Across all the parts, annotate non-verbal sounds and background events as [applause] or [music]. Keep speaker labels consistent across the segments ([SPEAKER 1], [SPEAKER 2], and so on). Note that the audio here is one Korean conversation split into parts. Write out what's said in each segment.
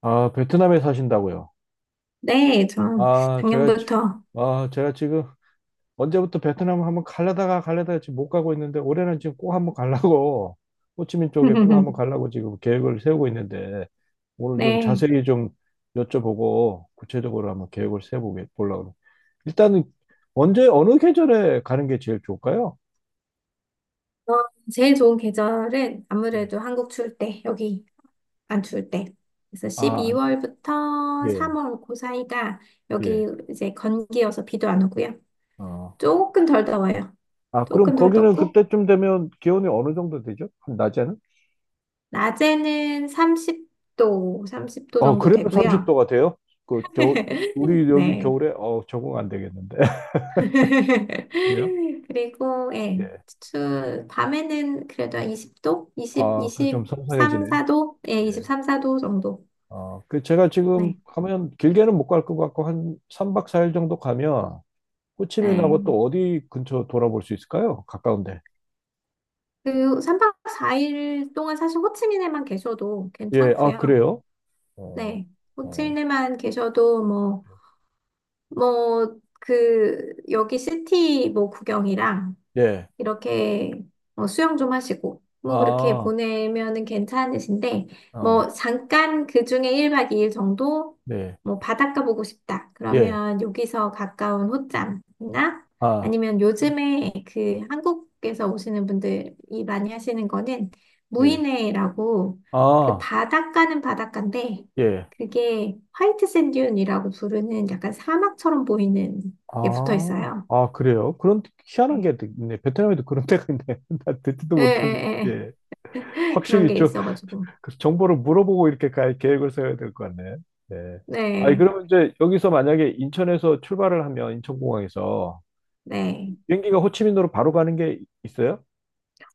[SPEAKER 1] 아, 베트남에 사신다고요?
[SPEAKER 2] 네, 저
[SPEAKER 1] 아, 제가, 지-
[SPEAKER 2] 작년부터.
[SPEAKER 1] 아, 제가 지금 언제부터 베트남 한번 가려다가 지금 못 가고 있는데, 올해는 지금 꼭 한번 가려고 [laughs] 호치민 쪽에 꼭 한번
[SPEAKER 2] [laughs]
[SPEAKER 1] 가려고 지금 계획을 세우고 있는데, 오늘 좀
[SPEAKER 2] 네.
[SPEAKER 1] 자세히 좀 여쭤보고 구체적으로 한번 계획을 세워보려고 합니다. 일단은 언제, 어느 계절에 가는 게 제일 좋을까요?
[SPEAKER 2] 어, 제일 좋은 계절은
[SPEAKER 1] 예.
[SPEAKER 2] 아무래도 한국 추울 때, 여기 안 추울 때. 그래서
[SPEAKER 1] 아,
[SPEAKER 2] 12월부터
[SPEAKER 1] 예,
[SPEAKER 2] 3월 그 사이가 여기
[SPEAKER 1] 예.
[SPEAKER 2] 이제 건기여서 비도 안 오고요.
[SPEAKER 1] 어.
[SPEAKER 2] 조금 덜 더워요.
[SPEAKER 1] 아, 그럼
[SPEAKER 2] 조금 덜
[SPEAKER 1] 거기는
[SPEAKER 2] 덥고,
[SPEAKER 1] 그때쯤 되면 기온이 어느 정도 되죠? 낮에는?
[SPEAKER 2] 낮에는 30도, 30도
[SPEAKER 1] 어,
[SPEAKER 2] 정도
[SPEAKER 1] 그래도
[SPEAKER 2] 되고요.
[SPEAKER 1] 30도가 돼요? 그 겨울,
[SPEAKER 2] [laughs]
[SPEAKER 1] 우리 여기
[SPEAKER 2] 네.
[SPEAKER 1] 겨울에 적응 안 되겠는데. [laughs] 그래요?
[SPEAKER 2] [laughs] 그리고, 예,
[SPEAKER 1] 예.
[SPEAKER 2] 밤에는 그래도 한 20도? 20,
[SPEAKER 1] 아, 그좀
[SPEAKER 2] 23,
[SPEAKER 1] 선선해지네요.
[SPEAKER 2] 4도? 예,
[SPEAKER 1] 예.
[SPEAKER 2] 23, 4도 정도.
[SPEAKER 1] 어, 그 제가 지금
[SPEAKER 2] 네,
[SPEAKER 1] 가면 길게는 못 갈 것 같고 한 3박 4일 정도 가면 호치민하고
[SPEAKER 2] 네.
[SPEAKER 1] 또 어디 근처 돌아볼 수 있을까요? 가까운데.
[SPEAKER 2] 그 3박 4일 동안 사실 호치민에만 계셔도
[SPEAKER 1] 예. 아,
[SPEAKER 2] 괜찮고요.
[SPEAKER 1] 그래요? 어,
[SPEAKER 2] 네,
[SPEAKER 1] 어.
[SPEAKER 2] 호치민에만 계셔도 뭐, 뭐, 그, 여기 시티 뭐 구경이랑
[SPEAKER 1] 예.
[SPEAKER 2] 이렇게 수영 좀 하시고, 뭐 그렇게
[SPEAKER 1] 아,
[SPEAKER 2] 보내면은 괜찮으신데,
[SPEAKER 1] 아,
[SPEAKER 2] 뭐 잠깐 그 중에 1박 2일 정도
[SPEAKER 1] 네.
[SPEAKER 2] 뭐 바닷가 보고 싶다.
[SPEAKER 1] 예.
[SPEAKER 2] 그러면 여기서 가까운 호짬이나
[SPEAKER 1] 아,
[SPEAKER 2] 아니면 요즘에 그 한국에서 오시는 분들이 많이 하시는 거는
[SPEAKER 1] 예.
[SPEAKER 2] 무이네라고, 그
[SPEAKER 1] 아,
[SPEAKER 2] 바닷가는 바닷가인데
[SPEAKER 1] 예.
[SPEAKER 2] 그게 화이트 샌듄이라고 부르는 약간 사막처럼 보이는 게 붙어
[SPEAKER 1] 아,
[SPEAKER 2] 있어요.
[SPEAKER 1] 아, 그래요? 그런 희한한
[SPEAKER 2] 네.
[SPEAKER 1] 게 있네. 베트남에도 그런 데가 있네. [laughs] 나 듣지도
[SPEAKER 2] 예,
[SPEAKER 1] 못했는데.
[SPEAKER 2] 예, 예.
[SPEAKER 1] 예.
[SPEAKER 2] 그런
[SPEAKER 1] 확실히
[SPEAKER 2] 게
[SPEAKER 1] 좀그
[SPEAKER 2] 있어가지고.
[SPEAKER 1] 정보를 물어보고 이렇게 갈 계획을 세워야 될 것 같네. 예. 아니,
[SPEAKER 2] 네,
[SPEAKER 1] 그러면 이제 여기서 만약에 인천에서 출발을 하면 인천공항에서
[SPEAKER 2] 네.
[SPEAKER 1] 비행기가 호치민으로 바로 가는 게 있어요?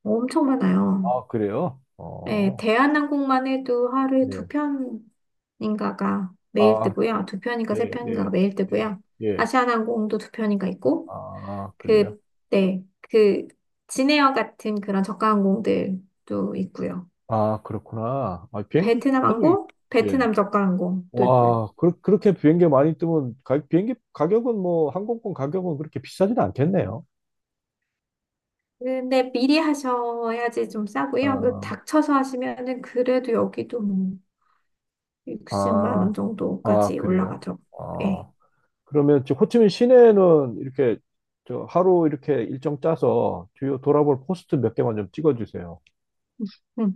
[SPEAKER 2] 엄청 많아요.
[SPEAKER 1] 아, 그래요?
[SPEAKER 2] 네,
[SPEAKER 1] 어,
[SPEAKER 2] 대한항공만 해도 하루에 두
[SPEAKER 1] 네.
[SPEAKER 2] 편인가가 매일
[SPEAKER 1] 아,
[SPEAKER 2] 뜨고요. 두 편인가 세
[SPEAKER 1] 예, 예,
[SPEAKER 2] 편인가가 매일
[SPEAKER 1] 예,
[SPEAKER 2] 뜨고요.
[SPEAKER 1] 예.
[SPEAKER 2] 아시아나항공도 두 편인가 있고,
[SPEAKER 1] 아, 그래요?
[SPEAKER 2] 그, 네, 진에어 같은 그런 저가항공들도 있고요.
[SPEAKER 1] 아, 그렇구나. 아, 비행기
[SPEAKER 2] 베트남
[SPEAKER 1] 편이,
[SPEAKER 2] 항공,
[SPEAKER 1] 예.
[SPEAKER 2] 베트남 저가항공도 있고요.
[SPEAKER 1] 와, 그렇게 비행기 많이 뜨면 가, 비행기 가격은 뭐 항공권 가격은 그렇게 비싸진 않겠네요.
[SPEAKER 2] 근데 미리 하셔야지 좀 싸고요. 그
[SPEAKER 1] 아,
[SPEAKER 2] 닥쳐서 하시면은 그래도 여기도 뭐 60만 원
[SPEAKER 1] 아, 아,
[SPEAKER 2] 정도까지
[SPEAKER 1] 그래요?
[SPEAKER 2] 올라가죠. 예.
[SPEAKER 1] 아, 그러면 저 호치민 시내는 이렇게 저 하루 이렇게 일정 짜서 주요 돌아볼 포스트 몇 개만 좀 찍어주세요.
[SPEAKER 2] 음.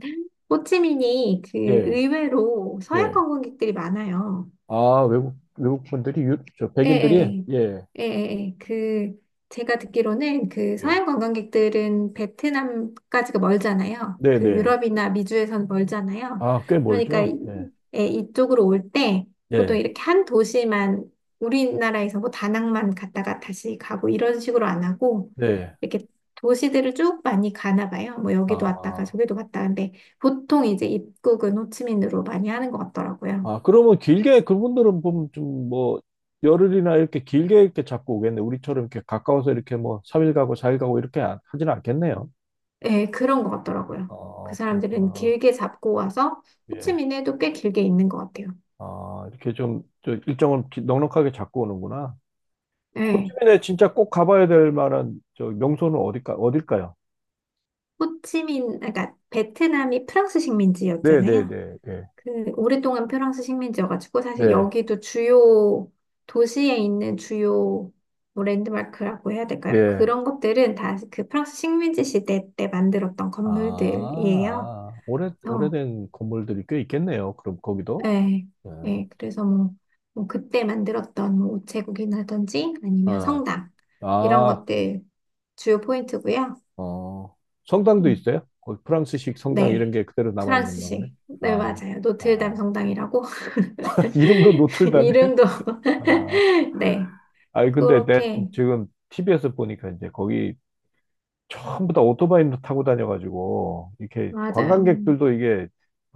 [SPEAKER 2] 호치민이 그
[SPEAKER 1] 예,
[SPEAKER 2] 의외로 서양
[SPEAKER 1] 예.
[SPEAKER 2] 관광객들이 많아요.
[SPEAKER 1] 아, 외국 분들이 유, 저
[SPEAKER 2] 예,
[SPEAKER 1] 백인들이
[SPEAKER 2] 예,
[SPEAKER 1] 예,
[SPEAKER 2] 예, 예, 예. 그, 제가 듣기로는 그
[SPEAKER 1] 예.
[SPEAKER 2] 서양 관광객들은 베트남까지가 멀잖아요.
[SPEAKER 1] 네,
[SPEAKER 2] 그
[SPEAKER 1] 네.
[SPEAKER 2] 유럽이나 미주에선 멀잖아요.
[SPEAKER 1] 아, 꽤
[SPEAKER 2] 그러니까
[SPEAKER 1] 멀죠? 네,
[SPEAKER 2] 예, 이쪽으로 올 때 보통
[SPEAKER 1] 예,
[SPEAKER 2] 이렇게 한 도시만 우리나라에서 뭐 다낭만 갔다가 다시 가고 이런 식으로 안 하고
[SPEAKER 1] 네.
[SPEAKER 2] 이렇게 도시들을 쭉 많이 가나 봐요. 뭐 여기도 왔다가
[SPEAKER 1] 아.
[SPEAKER 2] 저기도 갔다. 근데 보통 이제 입국은 호치민으로 많이 하는 것 같더라고요.
[SPEAKER 1] 아, 그러면 길게 그분들은 보면 좀 뭐 열흘이나 이렇게 길게 이렇게 잡고 오겠네. 우리처럼 이렇게 가까워서 이렇게 뭐삼일 가고 사일 가고 이렇게 안- 하지는 않겠네요.
[SPEAKER 2] 예, 그런 것 같더라고요. 그
[SPEAKER 1] 아,
[SPEAKER 2] 사람들은
[SPEAKER 1] 그렇구나.
[SPEAKER 2] 길게 잡고 와서
[SPEAKER 1] 예.
[SPEAKER 2] 호치민에도 꽤 길게 있는 것 같아요.
[SPEAKER 1] 아, 이렇게 좀, 저 넉넉하게 잡고 오는구나.
[SPEAKER 2] 예.
[SPEAKER 1] 호치민에 진짜 꼭 가봐야 될 만한 저 명소는 어딜까요?
[SPEAKER 2] 호치민, 그러니까 베트남이 프랑스
[SPEAKER 1] 네, 네,
[SPEAKER 2] 식민지였잖아요.
[SPEAKER 1] 네, 네,
[SPEAKER 2] 그 오랫동안 프랑스 식민지여가지고 사실
[SPEAKER 1] 네,
[SPEAKER 2] 여기도 주요 도시에 있는 주요, 뭐, 랜드마크라고 해야 될까요?
[SPEAKER 1] 예.
[SPEAKER 2] 그런 것들은 다 그 프랑스 식민지 시대 때 만들었던 건물들이에요.
[SPEAKER 1] 아, 오래된 건물들이 꽤 있겠네요. 그럼 거기도.
[SPEAKER 2] 예,
[SPEAKER 1] 예.
[SPEAKER 2] 예, 그래서 뭐, 뭐 그때 만들었던 뭐 우체국이라든지 아니면
[SPEAKER 1] 아,
[SPEAKER 2] 성당 이런
[SPEAKER 1] 아,
[SPEAKER 2] 것들 주요 포인트고요.
[SPEAKER 1] 어, 성당도
[SPEAKER 2] 음,
[SPEAKER 1] 있어요? 거기 프랑스식 성당 이런
[SPEAKER 2] 네,
[SPEAKER 1] 게 그대로 남아 있는 거네.
[SPEAKER 2] 프랑스식. 네,
[SPEAKER 1] 아,
[SPEAKER 2] 맞아요. 노트르담
[SPEAKER 1] 아.
[SPEAKER 2] 성당이라고
[SPEAKER 1] [laughs] 이름도
[SPEAKER 2] [laughs]
[SPEAKER 1] 노틀담이에요?
[SPEAKER 2] 이름도
[SPEAKER 1] 아,
[SPEAKER 2] [laughs] 네,
[SPEAKER 1] 아니 근데 내가
[SPEAKER 2] 그렇게
[SPEAKER 1] 지금 TV에서 보니까 이제 거기 전부 다 오토바이로 타고 다녀가지고 이렇게
[SPEAKER 2] 맞아요. 음.
[SPEAKER 1] 관광객들도 이게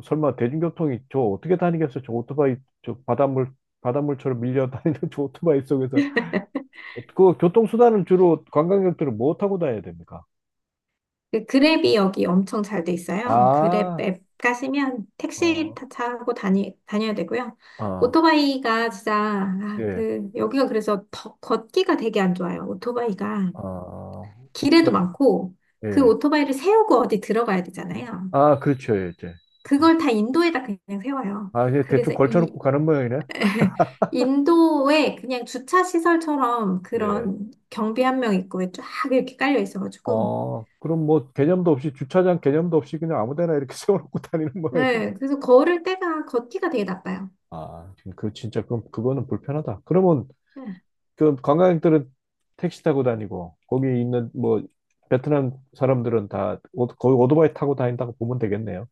[SPEAKER 1] 설마 대중교통이 저 어떻게 다니겠어? 저 오토바이, 저 바닷물처럼 밀려 다니는 [laughs] 저 오토바이 속에서 그 교통수단을 주로 관광객들은 뭐 타고 다녀야 됩니까?
[SPEAKER 2] 그 그랩이 여기 엄청 잘 돼 있어요. 그랩
[SPEAKER 1] 아,
[SPEAKER 2] 앱 가시면 택시
[SPEAKER 1] 어,
[SPEAKER 2] 타고 다녀야 되고요.
[SPEAKER 1] 아,
[SPEAKER 2] 오토바이가 진짜,
[SPEAKER 1] 예.
[SPEAKER 2] 여기가 그래서 걷기가 되게 안 좋아요. 오토바이가.
[SPEAKER 1] 아,
[SPEAKER 2] 길에도
[SPEAKER 1] 오토바이.
[SPEAKER 2] 많고, 그
[SPEAKER 1] 예.
[SPEAKER 2] 오토바이를 세우고 어디 들어가야 되잖아요.
[SPEAKER 1] 아, 그렇죠. 예, 이제. 예.
[SPEAKER 2] 그걸 다 인도에다 그냥 세워요.
[SPEAKER 1] 아, 이제 대충
[SPEAKER 2] 그래서
[SPEAKER 1] 걸쳐놓고 가는 모양이네.
[SPEAKER 2] [laughs] 인도에 그냥 주차 시설처럼
[SPEAKER 1] 네.
[SPEAKER 2] 그런 경비 한 명 있고 쫙 이렇게 깔려 있어가지고.
[SPEAKER 1] 어, 그럼 뭐 개념도 없이 주차장 개념도 없이 그냥 아무 데나 이렇게 [laughs] 세워놓고 다니는 모양이네.
[SPEAKER 2] 네, 그래서 걸을 때가 걷기가 되게 나빠요.
[SPEAKER 1] 아, 지금 그 진짜 그럼 그거는 불편하다. 그러면
[SPEAKER 2] 네.
[SPEAKER 1] 그 관광객들은 택시 타고 다니고 거기 있는 뭐 베트남 사람들은 거의 오토바이 타고 다닌다고 보면 되겠네요.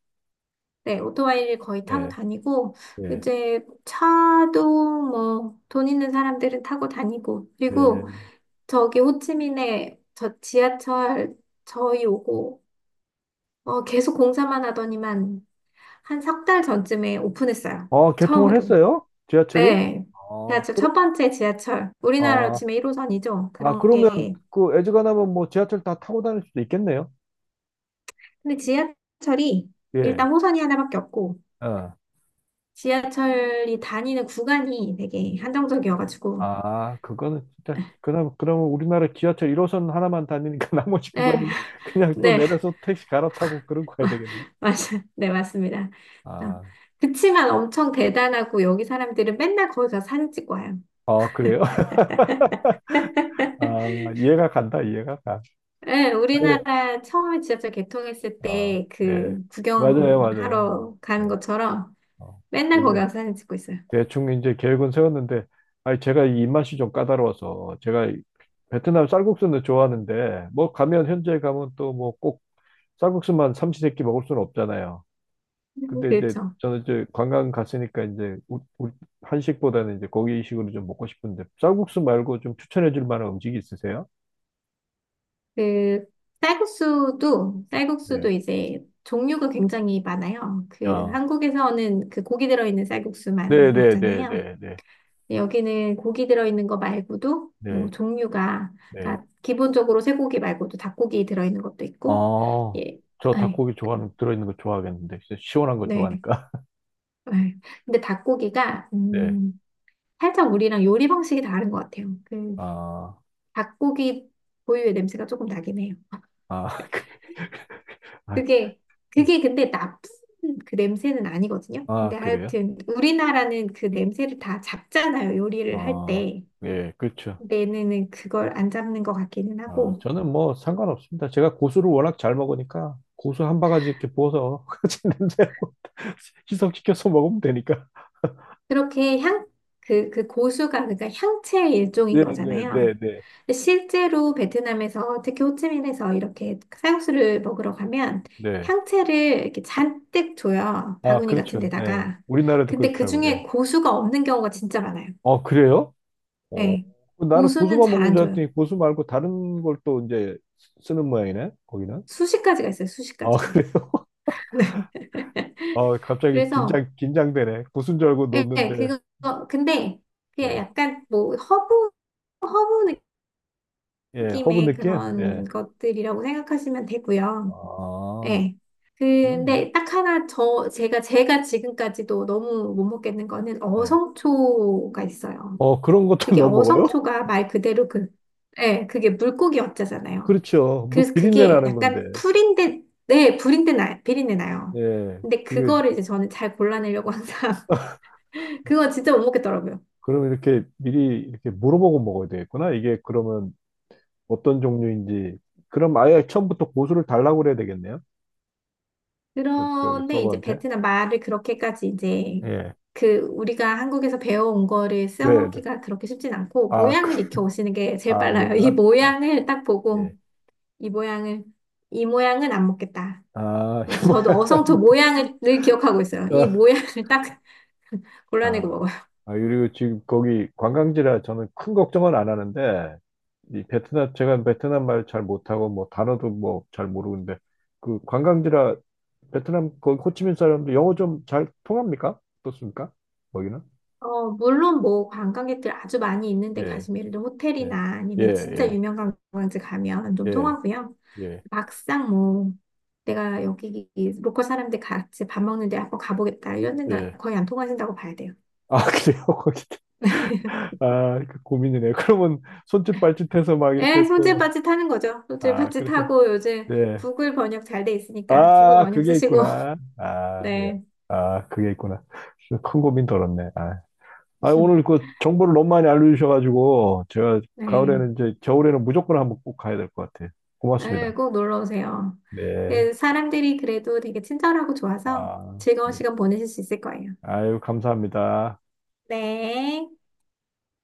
[SPEAKER 2] 네, 오토바이를 거의 타고
[SPEAKER 1] 네.
[SPEAKER 2] 다니고,
[SPEAKER 1] 네.
[SPEAKER 2] 이제 차도 뭐 돈 있는 사람들은 타고 다니고, 그리고
[SPEAKER 1] 네.
[SPEAKER 2] 저기 호치민에 저 지하철, 저희 오고, 계속 공사만 하더니만 한 석 달 전쯤에 오픈했어요.
[SPEAKER 1] 어, 개통을
[SPEAKER 2] 처음으로.
[SPEAKER 1] 했어요? 지하철이?
[SPEAKER 2] 네.
[SPEAKER 1] 아,
[SPEAKER 2] 지하철
[SPEAKER 1] 그러,
[SPEAKER 2] 첫 번째 지하철. 우리나라로
[SPEAKER 1] 아,
[SPEAKER 2] 치면 1호선이죠.
[SPEAKER 1] 아,
[SPEAKER 2] 그런
[SPEAKER 1] 그러면
[SPEAKER 2] 게.
[SPEAKER 1] 그 애즈가나면 뭐 지하철 다 타고 다닐 수도 있겠네요.
[SPEAKER 2] 근데 지하철이
[SPEAKER 1] 예.
[SPEAKER 2] 일단 호선이 하나밖에 없고,
[SPEAKER 1] 어.
[SPEAKER 2] 지하철이 다니는 구간이 되게 한정적이어가지고,
[SPEAKER 1] 아, 그거는 진짜 그럼 그러면 우리나라 지하철 1호선 하나만 다니니까 [laughs] 나머지
[SPEAKER 2] 네,
[SPEAKER 1] 구간은 그냥 또
[SPEAKER 2] 네,
[SPEAKER 1] 내려서 택시 갈아타고 그런 거야 되겠네.
[SPEAKER 2] [laughs] 맞아요. 네, 맞습니다. 어,
[SPEAKER 1] 아,
[SPEAKER 2] 그치만 엄청 대단하고 여기 사람들은 맨날 거기 가서 사진 찍고 와요.
[SPEAKER 1] 아 그래요? [laughs] 아,
[SPEAKER 2] [laughs]
[SPEAKER 1] 이해가 가.
[SPEAKER 2] 예,
[SPEAKER 1] 아 예.
[SPEAKER 2] 우리나라 처음에 지하철 개통했을
[SPEAKER 1] 어,
[SPEAKER 2] 때
[SPEAKER 1] 예.
[SPEAKER 2] 그
[SPEAKER 1] 맞아요, 맞아요.
[SPEAKER 2] 구경하러 가는
[SPEAKER 1] 예.
[SPEAKER 2] 것처럼
[SPEAKER 1] 어,
[SPEAKER 2] 맨날 거기 가서 사진 찍고 있어요.
[SPEAKER 1] 대충 이제 계획은 세웠는데, 아니, 제가 이 입맛이 좀 까다로워서, 제가 이 베트남 쌀국수는 좋아하는데, 뭐 가면, 현지에 가면 또 뭐 꼭 쌀국수만 삼시세끼 먹을 수는 없잖아요.
[SPEAKER 2] 음.
[SPEAKER 1] 근데 이제
[SPEAKER 2] 그렇죠.
[SPEAKER 1] 저는 이제 관광 갔으니까 이제 한식보다는 이제 고기식으로 좀 먹고 싶은데, 쌀국수 말고 좀 추천해 줄 만한 음식이 있으세요?
[SPEAKER 2] 그 쌀국수도
[SPEAKER 1] 네.
[SPEAKER 2] 쌀국수도 이제 종류가 굉장히 많아요. 그
[SPEAKER 1] 야.
[SPEAKER 2] 한국에서는 그 고기 들어있는 쌀국수만 먹잖아요.
[SPEAKER 1] 네네네네네.
[SPEAKER 2] 네, 여기는 고기 들어있는 거 말고도 뭐
[SPEAKER 1] 네.
[SPEAKER 2] 종류가
[SPEAKER 1] 네.
[SPEAKER 2] 그러니까 기본적으로 쇠고기 말고도 닭고기 들어있는 것도 있고
[SPEAKER 1] 아,
[SPEAKER 2] 예,
[SPEAKER 1] 저
[SPEAKER 2] 아이,
[SPEAKER 1] 닭고기 좋아하는, 들어있는 거 좋아하겠는데, 진짜 시원한 거
[SPEAKER 2] 네.
[SPEAKER 1] 좋아하니까. [laughs]
[SPEAKER 2] 네. 근데 닭고기가
[SPEAKER 1] 네.
[SPEAKER 2] 살짝 우리랑 요리 방식이 다른 것 같아요. 그
[SPEAKER 1] 아,
[SPEAKER 2] 닭고기 고유의 냄새가 조금 나긴 해요.
[SPEAKER 1] 아, [laughs] 아,
[SPEAKER 2] 그게
[SPEAKER 1] 네.
[SPEAKER 2] 그게 근데 나쁜 그 냄새는 아니거든요. 근데
[SPEAKER 1] 아, 그래요?
[SPEAKER 2] 하여튼 우리나라는 그 냄새를 다 잡잖아요. 요리를 할
[SPEAKER 1] 아,
[SPEAKER 2] 때.
[SPEAKER 1] 예, 그렇죠.
[SPEAKER 2] 얘네는 그걸 안 잡는 것 같기는
[SPEAKER 1] 아,
[SPEAKER 2] 하고.
[SPEAKER 1] 저는 뭐 상관없습니다. 제가 고수를 워낙 잘 먹으니까 고수 한 바가지 이렇게 부어서 [laughs] 같이 냄새하고 [laughs] 희석시켜서 먹으면 되니까.
[SPEAKER 2] 그렇게 그 고수가, 그러니까 향채의 일종인
[SPEAKER 1] 네, 네, 네,
[SPEAKER 2] 거잖아요.
[SPEAKER 1] 네.
[SPEAKER 2] 근데 실제로 베트남에서, 특히 호치민에서 이렇게 쌀국수를 먹으러 가면
[SPEAKER 1] 네.
[SPEAKER 2] 향채를 이렇게 잔뜩 줘요.
[SPEAKER 1] 아,
[SPEAKER 2] 바구니 같은
[SPEAKER 1] 그렇죠. 예.
[SPEAKER 2] 데다가.
[SPEAKER 1] 우리나라도
[SPEAKER 2] 근데 그
[SPEAKER 1] 그렇더라고요. 예.
[SPEAKER 2] 중에 고수가 없는 경우가 진짜 많아요.
[SPEAKER 1] 어, 그래요? 어.
[SPEAKER 2] 예.
[SPEAKER 1] 나는
[SPEAKER 2] 고수는
[SPEAKER 1] 고수만
[SPEAKER 2] 잘
[SPEAKER 1] 먹는
[SPEAKER 2] 안
[SPEAKER 1] 줄
[SPEAKER 2] 줘요.
[SPEAKER 1] 알았더니 고수 말고 다른 걸 또 이제 쓰는 모양이네, 거기는.
[SPEAKER 2] 수십 가지가 있어요, 수십
[SPEAKER 1] 아,
[SPEAKER 2] 가지가.
[SPEAKER 1] 그래요?
[SPEAKER 2] [laughs] 네.
[SPEAKER 1] [laughs] 아,
[SPEAKER 2] 그래서,
[SPEAKER 1] 긴장되네. 고수인 줄 알고
[SPEAKER 2] 예,
[SPEAKER 1] 넣었는데.
[SPEAKER 2] 근데 그게
[SPEAKER 1] 예.
[SPEAKER 2] 약간 뭐 허브, 허브
[SPEAKER 1] 예, 허브
[SPEAKER 2] 느낌의
[SPEAKER 1] 느낌? 예.
[SPEAKER 2] 그런 것들이라고 생각하시면 되고요.
[SPEAKER 1] 아,
[SPEAKER 2] 네.
[SPEAKER 1] 그럼 뭐.
[SPEAKER 2] 근데 딱 하나 제가 지금까지도 너무 못 먹겠는 거는
[SPEAKER 1] 예
[SPEAKER 2] 어성초가 있어요.
[SPEAKER 1] 어, 그런 것도 [laughs]
[SPEAKER 2] 그게
[SPEAKER 1] 넣어 먹어요? [laughs]
[SPEAKER 2] 어성초가 말 그대로 그게 물고기 어짜잖아요.
[SPEAKER 1] 그렇죠. 물
[SPEAKER 2] 그래서
[SPEAKER 1] 비린내
[SPEAKER 2] 그게
[SPEAKER 1] 나는 건데.
[SPEAKER 2] 약간 풀인데 네, 불인데 나 비린내 나요.
[SPEAKER 1] 예.
[SPEAKER 2] 근데
[SPEAKER 1] 그게,
[SPEAKER 2] 그거를 이제 저는 잘 골라내려고 항상 [laughs] 그거 진짜 못 먹겠더라고요.
[SPEAKER 1] 그럼 이렇게 미리 이렇게 물어보고 먹어야 되겠구나. 이게 그러면 어떤 종류인지. 그럼 아예 처음부터 고수를 달라고 그래야 되겠네요. 그, 저기
[SPEAKER 2] 그런데 이제
[SPEAKER 1] 서버한테.
[SPEAKER 2] 베트남 말을 그렇게까지 이제
[SPEAKER 1] 예.
[SPEAKER 2] 그 우리가 한국에서 배워온 거를
[SPEAKER 1] 네, 네.
[SPEAKER 2] 써먹기가 그렇게 쉽진 않고
[SPEAKER 1] 아, 그,
[SPEAKER 2] 모양을 익혀 오시는 게 제일
[SPEAKER 1] 아,
[SPEAKER 2] 빨라요. 이
[SPEAKER 1] 뭐야? 아,
[SPEAKER 2] 모양을 딱
[SPEAKER 1] 예.
[SPEAKER 2] 보고 이 모양을 이 모양은 안 먹겠다.
[SPEAKER 1] 아,
[SPEAKER 2] 그래서
[SPEAKER 1] [laughs]
[SPEAKER 2] 저도
[SPEAKER 1] 뭐야.
[SPEAKER 2] 어성초
[SPEAKER 1] 뭐, 그,
[SPEAKER 2] 모양을 늘 기억하고 있어요.
[SPEAKER 1] 어,
[SPEAKER 2] 이 모양을 딱 [laughs] 골라내고
[SPEAKER 1] 아,
[SPEAKER 2] 먹어요.
[SPEAKER 1] 아, 그리고 지금 거기 관광지라 저는 큰 걱정은 안 하는데, 이 베트남, 제가 베트남 말 잘 못하고, 뭐, 단어도 뭐, 잘 모르는데, 그 관광지라 베트남, 거기 호치민 사람들 영어 좀 잘 통합니까? 어떻습니까? 거기는?
[SPEAKER 2] 물론 뭐 관광객들 아주 많이 있는데
[SPEAKER 1] 예,
[SPEAKER 2] 가시면 예를 들어
[SPEAKER 1] 예,
[SPEAKER 2] 호텔이나
[SPEAKER 1] 예,
[SPEAKER 2] 아니면 진짜
[SPEAKER 1] 예,
[SPEAKER 2] 유명 관광지 가면 좀
[SPEAKER 1] 예,
[SPEAKER 2] 통하고요.
[SPEAKER 1] 예,
[SPEAKER 2] 막상 뭐 내가 여기 로컬 사람들 같이 밥 먹는데 한번 가보겠다 이런 데는
[SPEAKER 1] 예.
[SPEAKER 2] 거의 안 통하신다고 봐야 돼요.
[SPEAKER 1] 아, 그래요? [laughs] 거기. 아, 그 고민이네. 그러면 손짓 발짓해서 막 이렇게
[SPEAKER 2] 예,
[SPEAKER 1] 또,
[SPEAKER 2] 손짓발짓 하는 거죠.
[SPEAKER 1] 아,
[SPEAKER 2] 손짓발짓
[SPEAKER 1] 그래서,
[SPEAKER 2] 하고 요즘
[SPEAKER 1] 예.
[SPEAKER 2] 구글 번역 잘 돼 있으니까 구글
[SPEAKER 1] 아,
[SPEAKER 2] 번역
[SPEAKER 1] 그게
[SPEAKER 2] 쓰시고
[SPEAKER 1] 있구나.
[SPEAKER 2] [laughs]
[SPEAKER 1] 아, 예.
[SPEAKER 2] 네.
[SPEAKER 1] 아, 그게 있구나. 큰 고민 덜었네. 아, 아, 오늘 그 정보를 너무 많이 알려주셔가지고, 제가
[SPEAKER 2] 네,
[SPEAKER 1] 가을에는 이제, 겨울에는 무조건 한번 꼭 가야 될 것 같아요.
[SPEAKER 2] 네,
[SPEAKER 1] 고맙습니다.
[SPEAKER 2] 꼭 놀러 오세요.
[SPEAKER 1] 네.
[SPEAKER 2] 그 사람들이 그래도 되게 친절하고 좋아서
[SPEAKER 1] 아,
[SPEAKER 2] 즐거운
[SPEAKER 1] 네.
[SPEAKER 2] 시간 보내실 수 있을 거예요.
[SPEAKER 1] 아유, 감사합니다.
[SPEAKER 2] 네.